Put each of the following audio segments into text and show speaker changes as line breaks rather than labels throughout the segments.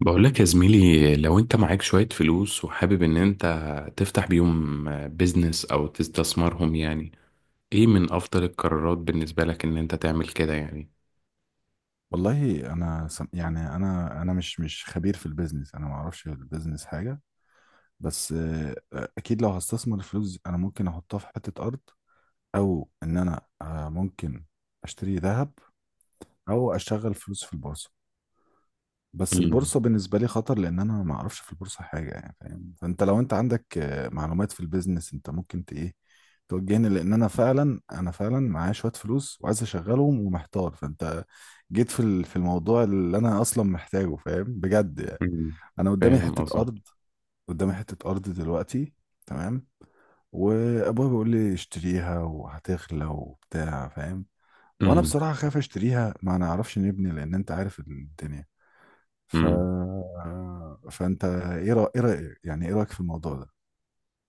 بقول لك يا زميلي، لو انت معاك شوية فلوس وحابب ان انت تفتح بيهم بيزنس او تستثمرهم، يعني ايه من افضل القرارات بالنسبة لك ان انت تعمل كده يعني؟
والله انا يعني انا مش خبير في البيزنس. انا ما اعرفش في البيزنس حاجه. بس اكيد لو هستثمر الفلوس، انا ممكن احطها في حته ارض، او ان انا ممكن اشتري ذهب، او اشغل فلوس في البورصه. بس
امم،
البورصة بالنسبة لي خطر، لأن أنا ما أعرفش في البورصة حاجة، يعني فاهم؟ فأنت لو أنت عندك معلومات في البيزنس، أنت ممكن ت إيه توجهني، لأن أنا فعلا معايا شوية فلوس وعايز أشغلهم ومحتار. فأنت جيت في الموضوع اللي أنا أصلا محتاجه، فاهم بجد يعني.
امم.
أنا قدامي
فاهم
حتة أرض،
قصدك.
قدامي حتة أرض دلوقتي. تمام. وأبويا بيقول لي اشتريها وهتغلى وبتاع، فاهم؟ وأنا
امم،
بصراحة خايف أشتريها، ما نعرفش نبني، لأن أنت عارف الدنيا. ف...
امم.
فانت ايه رأيك، يعني ايه رأيك في الموضوع ده؟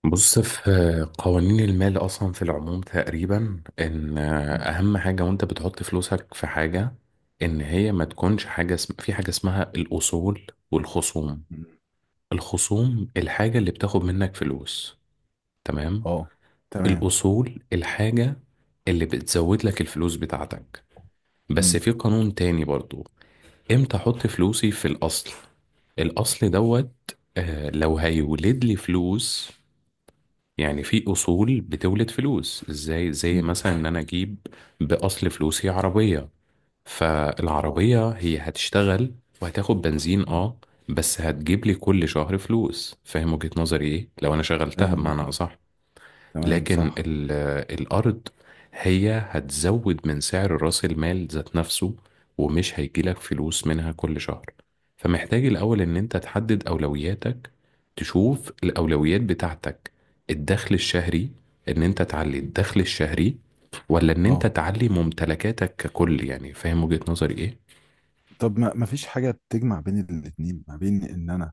بص، في قوانين المال اصلا في العموم تقريبا، ان
مم.
اهم حاجة وانت بتحط فلوسك في حاجة، ان هي ما تكونش حاجة في حاجة اسمها الاصول والخصوم.
مم.
الخصوم الحاجة اللي بتاخد منك فلوس. تمام.
اه. تمام.
الأصول الحاجة اللي بتزود لك الفلوس بتاعتك. بس
امم.
في قانون تاني برضو. امتى احط فلوسي في الأصل؟ الأصل دوت. لو هيولد لي فلوس. يعني في أصول بتولد فلوس، ازاي؟ زي
امم.
مثلا إن أنا أجيب بأصل فلوسي عربية،
اه.
فالعربية هي هتشتغل وهتاخد بنزين.
مم.
اه، بس هتجيب لي كل شهر فلوس. فاهم وجهة نظري ايه؟ لو أنا شغلتها
تمام، وجهة
بمعنى
نظر.
أصح.
تمام،
لكن
صح.
الأرض هي هتزود من سعر رأس المال ذات نفسه، ومش هيجيلك فلوس منها كل شهر. فمحتاج الأول إن أنت تحدد أولوياتك، تشوف الأولويات بتاعتك. الدخل الشهري، إن أنت تعلي الدخل الشهري، ولا إن أنت
اه.
تعلي ممتلكاتك ككل؟ يعني فاهم وجهة نظري إيه؟
طب ما فيش حاجة تجمع بين الاتنين، ما بين ان انا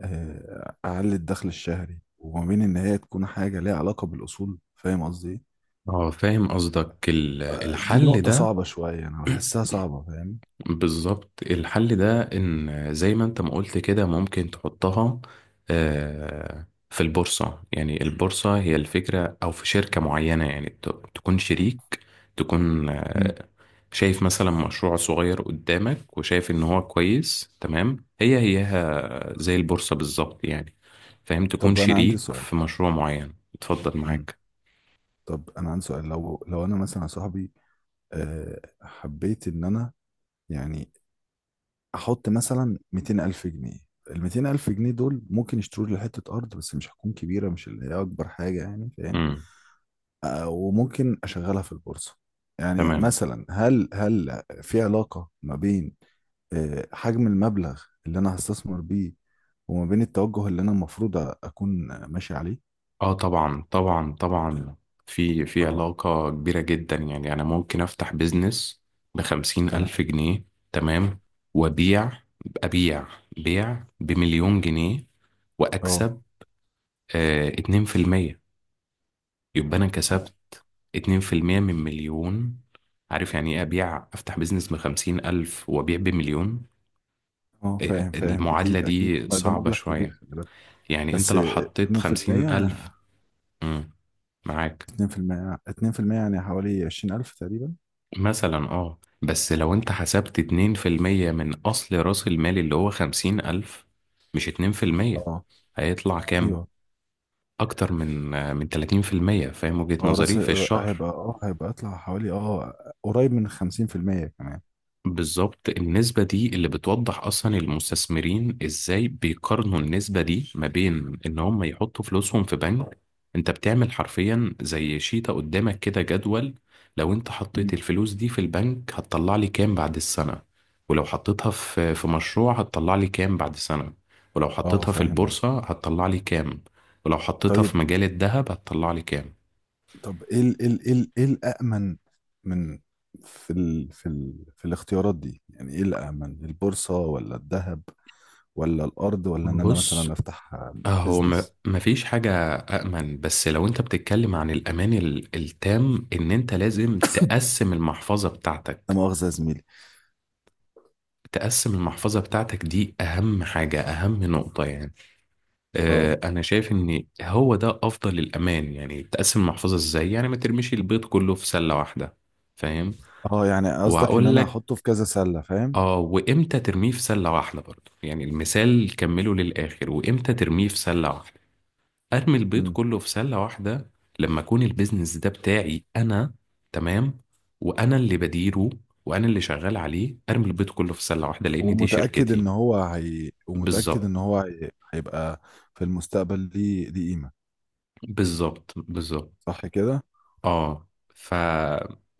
اعلي الدخل الشهري، وما بين ان هي تكون حاجة ليها علاقة بالاصول، فاهم قصدي ايه؟
اه، فاهم قصدك.
دي
الحل
نقطة
ده.
صعبة شوية، انا بحسها صعبة، فاهم؟
بالظبط، الحل ده ان زي ما انت ما قلت كده، ممكن تحطها في البورصة. يعني البورصة هي الفكرة، او في شركة معينة يعني تكون شريك، تكون
مم.
شايف مثلا مشروع صغير قدامك، وشايف ان هو كويس. تمام، هي هيها زي البورصة بالظبط يعني. فاهم، تكون
طب انا عندي
شريك
سؤال.
في مشروع معين. اتفضل
مم.
معاك.
طب انا عندي سؤال. لو انا مثلا يا صاحبي حبيت ان انا، يعني، احط مثلا 200 الف جنيه. ال 200 الف جنيه دول ممكن يشتروا لي حته ارض، بس مش هتكون كبيره، مش اللي هي اكبر حاجه، يعني فاهم؟
امم.
وممكن اشغلها في البورصه. يعني
تمام.
مثلا، هل في علاقه ما بين حجم المبلغ اللي انا هستثمر بيه، وما بين التوجه اللي انا المفروض اكون ماشي عليه؟
اه، طبعا طبعا طبعا. في
اه.
علاقة كبيرة جدا. يعني أنا ممكن أفتح بيزنس بخمسين
تمام.
ألف جنيه تمام، وأبيع أبيع بيع بمليون جنيه
اه.
وأكسب 2%. يبقى أنا
اه.
كسبت 2% من مليون. عارف يعني إيه؟ أبيع، أفتح بيزنس ب50,000 وأبيع بمليون.
اه، فاهم فاهم،
المعادلة
اكيد اكيد،
دي
ما ده
صعبة
مبلغ كبير،
شوية.
خلي بالك.
يعني أنت
بس.
لو حطيت 50,000،
2%.
مم، معاك
2% 2% يعني حوالي 20000 تقريبا.
مثلا. اه، بس لو انت حسبت 2% من اصل راس المال اللي هو 50,000، مش 2%،
اه.
هيطلع كام؟
ايوه.
اكتر من 30%، فاهم وجهة
اه.
نظري؟ في الشهر.
هيبقى، اه، هيبقى اطلع حوالي، اه، قريب من 50% كمان.
بالظبط، النسبة دي اللي بتوضح أصلا المستثمرين إزاي بيقارنوا النسبة دي ما بين إن هم يحطوا فلوسهم في بنك. أنت بتعمل حرفيا زي شيطة قدامك كده، جدول. لو أنت حطيت
مم.
الفلوس دي في البنك هتطلع لي كام بعد السنة؟ ولو حطيتها في مشروع هتطلع لي كام بعد سنة؟ ولو
اه،
حطيتها في
فاهم قصدك.
البورصة هتطلع لي كام؟ ولو حطيتها
طيب.
في مجال الذهب هتطلع لي كام؟
طب ايه ال ايه ال ايه ال ايه الامن من في الاختيارات دي، يعني ايه الامن؟ البورصة ولا الذهب ولا الارض، ولا ان انا
بص،
مثلا افتح
هو ما
بزنس؟
مفيش حاجة أأمن. بس لو أنت بتتكلم عن الأمان التام، إن أنت لازم تقسم المحفظة
لا
بتاعتك.
مؤاخذة يا زميلي.
تقسم المحفظة بتاعتك دي أهم حاجة، أهم نقطة يعني.
اه.
أنا شايف إن هو ده أفضل الأمان. يعني تقسم المحفظة إزاي؟ يعني ما ترميش البيض كله في سلة واحدة. فاهم؟
اه، يعني قصدك ان
وهقول
انا
لك
احطه في كذا سلة، فاهم؟
وإمتى ترميه في سلة واحدة برضه، يعني المثال كمله للآخر، وإمتى ترميه في سلة واحدة؟ ارمي البيض
امم.
كله في سله واحده لما اكون البيزنس ده بتاعي انا. تمام، وانا اللي بديره وانا اللي شغال عليه. ارمي البيض كله في سله واحده لان دي شركتي.
ومتأكد
بالظبط،
ان هو هي... هيبقى في المستقبل ليه قيمة،
بالظبط، بالظبط.
صح كده؟
اه. ف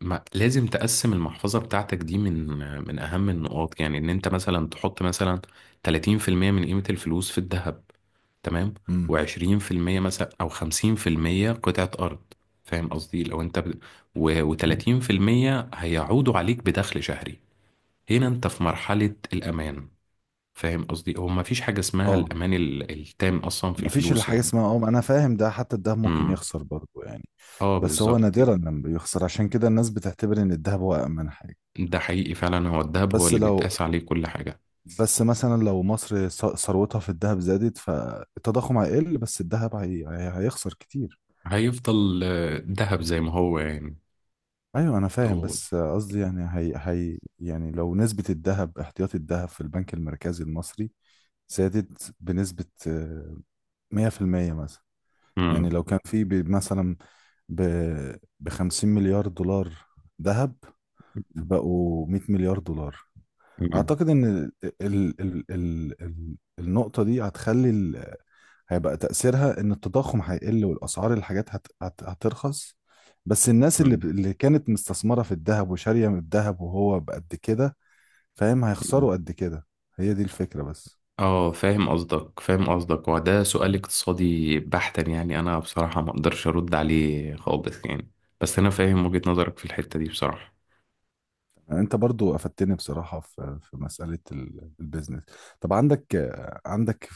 لازم تقسم المحفظة بتاعتك دي، من أهم النقاط يعني. إن أنت مثلا تحط مثلا 30% من قيمة الفلوس في الذهب، تمام،
امم.
و20% مثلا أو 50% قطعة أرض. فاهم قصدي؟ لو أنت و30% هيعودوا عليك بدخل شهري، هنا أنت في مرحلة الأمان. فاهم قصدي؟ هو مفيش حاجة اسمها
اه،
الأمان التام أصلا في
مفيش
الفلوس
الحاجة
يعني.
اسمها، اه، ما انا فاهم، ده حتى الدهب ممكن
امم.
يخسر برضه يعني.
اه،
بس هو
بالظبط.
نادرا لما بيخسر، عشان كده الناس بتعتبر ان الدهب هو أأمن حاجة.
ده حقيقي فعلا، هو الذهب هو
بس
اللي
لو
بيتقاس عليه كل حاجة.
بس مثلا لو مصر ثروتها في الدهب زادت، فالتضخم هيقل، بس الدهب هيخسر كتير.
هيفضل ذهب زي ما هو يعني.
ايوه، انا فاهم،
و...
بس قصدي يعني هي، يعني لو نسبة الذهب، احتياطي الذهب في البنك المركزي المصري زادت بنسبة 100% مثلا. يعني
مم.
لو كان في مثلا بـ50 مليار دولار ذهب، فبقوا 100 مليار دولار،
مم.
أعتقد إن ال ال ال ال ال النقطة دي هتخلي، هيبقى تأثيرها إن التضخم هيقل والأسعار الحاجات هترخص. بس الناس اللي
مم.
اللي كانت مستثمرة في الذهب، وشارية من الذهب وهو بقد كده، فاهم،
مم.
هيخسروا قد كده. هي دي الفكرة بس.
اه، فاهم قصدك، فاهم قصدك. وده سؤال اقتصادي بحتا، يعني انا بصراحة ما اقدرش ارد عليه خالص يعني. بس انا فاهم وجهة نظرك في الحتة دي بصراحة.
أنت برضو أفدتني بصراحة في مسألة البيزنس. طب عندك، عندك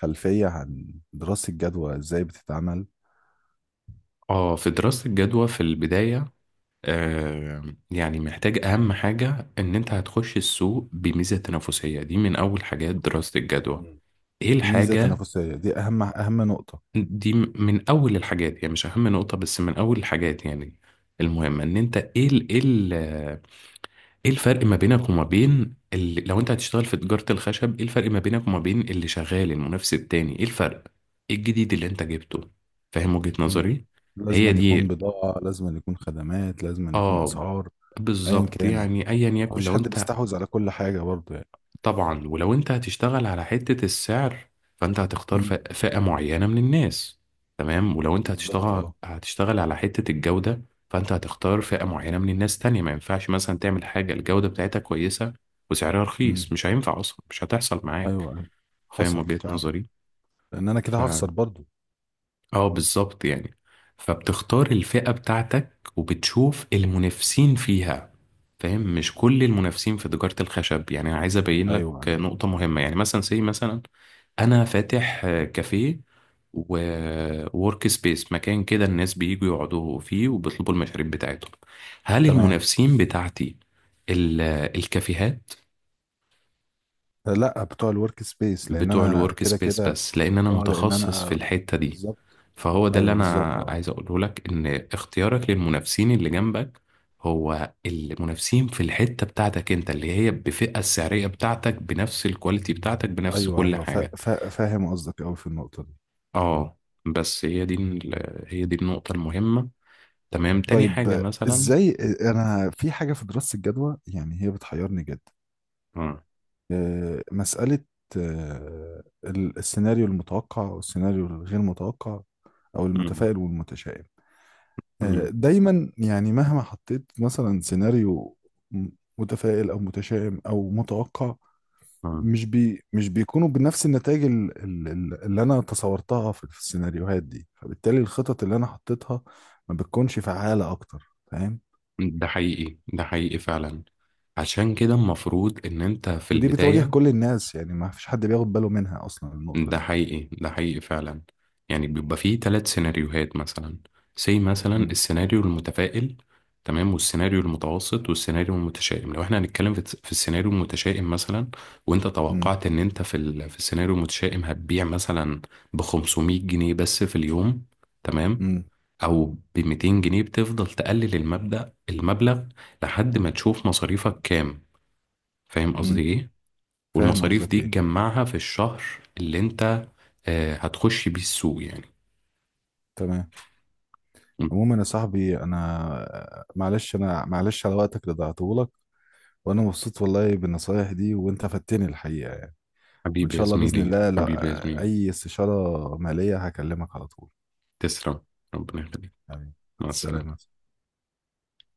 خلفية عن دراسة جدوى إزاي بتتعمل؟
اه، في دراسة الجدوى في البداية، يعني محتاج اهم حاجة، ان انت هتخش السوق بميزة تنافسية. دي من اول حاجات دراسة الجدوى.
مم.
ايه
ميزة
الحاجة؟
تنافسية دي أهم أهم نقطة.
دي من اول الحاجات، يعني مش اهم نقطة، بس من اول الحاجات يعني المهمة. ان انت ايه الفرق ما بينك وما بين اللي، لو انت هتشتغل في تجارة الخشب ايه الفرق ما بينك وما بين اللي شغال المنافس التاني؟ ايه الفرق؟ ايه الجديد اللي انت جبته؟ فاهم وجهة
مم.
نظري؟
لازم
هي
أن يكون
دي.
بضاعة، لازم أن يكون خدمات، لازم أن يكون
اه،
أسعار. أيا
بالظبط
كان،
يعني، ايا يكن
مفيش
لو
حد
انت.
بيستحوذ على كل حاجة برضه يعني.
طبعا، ولو انت هتشتغل على حتة السعر، فانت هتختار
امم.
فئة معينة من الناس. تمام، ولو انت
بالظبط.
هتشتغل
اه.
هتشتغل على حتة الجودة، فانت هتختار فئة معينة من الناس تانية. ما ينفعش مثلا تعمل حاجة الجودة بتاعتها كويسة وسعرها
امم.
رخيص، مش هينفع اصلا، مش هتحصل معاك.
ايوه ايوه،
فاهم
حصل
وجهة
فعلا.
نظري؟
لان انا كده هخسر برضه.
اه، بالظبط يعني. فبتختار الفئة بتاعتك، وبتشوف المنافسين فيها. فاهم؟ مش كل المنافسين في تجارة الخشب. يعني انا عايز ابين لك
ايوه ايوه،
نقطة مهمة، يعني مثلا، زي مثلا. انا فاتح كافيه، وورك سبيس، مكان كده الناس بييجوا يقعدوا فيه وبيطلبوا المشاريب بتاعتهم. هل
تمام.
المنافسين بتاعتي ال- الكافيهات؟
لا، بتوع الورك سبيس، لان
بتوع
انا
الورك
كده
سبيس،
كده.
بس لان انا
اه، لان
متخصص في
انا.
الحتة دي.
بالظبط.
فهو ده اللي
ايوه، بالظبط.
انا
اه.
عايز اقوله لك، ان اختيارك للمنافسين اللي جنبك، هو المنافسين في الحتة بتاعتك انت، اللي هي بفئة السعرية بتاعتك، بنفس الكواليتي بتاعتك، بنفس
ايوه
كل
ايوه،
حاجة.
فاهم قصدك قوي في النقطة دي.
اه، بس هي دي هي دي النقطة المهمة. تمام، تاني حاجة
طيب،
مثلا.
ازاي. انا في حاجة في دراسة الجدوى يعني هي بتحيرني جدا.
اه.
مسألة السيناريو المتوقع والسيناريو الغير متوقع، أو
مم.
المتفائل والمتشائم.
مم.
دايما يعني مهما حطيت مثلا سيناريو م- متفائل أو متشائم أو متوقع،
اه،
مش بيكونوا بنفس النتائج اللي أنا تصورتها في السيناريوهات دي، فبالتالي الخطط اللي أنا حطيتها ما بتكونش فعالة أكتر، فاهم؟
ده حقيقي، ده حقيقي فعلا. عشان كده المفروض ان انت في
ودي بتواجه
البداية.
كل الناس، يعني ما فيش حد بياخد باله منها أصلا، النقطة
ده
دي.
حقيقي، ده حقيقي فعلا. يعني بيبقى فيه ثلاث سيناريوهات، مثلا مثلا
مم.
السيناريو المتفائل. تمام، والسيناريو المتوسط، والسيناريو المتشائم. لو احنا هنتكلم في السيناريو المتشائم مثلا، وانت
مم.
توقعت ان انت في السيناريو المتشائم هتبيع مثلا ب 500 جنيه بس في اليوم. تمام،
مم.
او ب 200 جنيه. بتفضل تقلل المبلغ لحد ما تشوف مصاريفك كام. فاهم قصدي
مم.
ايه؟
فاهم
والمصاريف
قصدك
دي
ايه.
تجمعها في الشهر اللي انت هتخش بيه السوق يعني.
تمام. عموما يا صاحبي، انا معلش على وقتك اللي ضيعته لك، وانا مبسوط والله بالنصايح دي، وانت فدتني الحقيقه يعني. وان
حبيبي يا
شاء الله، باذن
زميلي،
الله، لو
حبيبي يا زميلي.
اي استشاره ماليه هكلمك على طول.
تسلم، ربنا يخليك.
حبيبي. مع
مع
السلامه.
السلامة.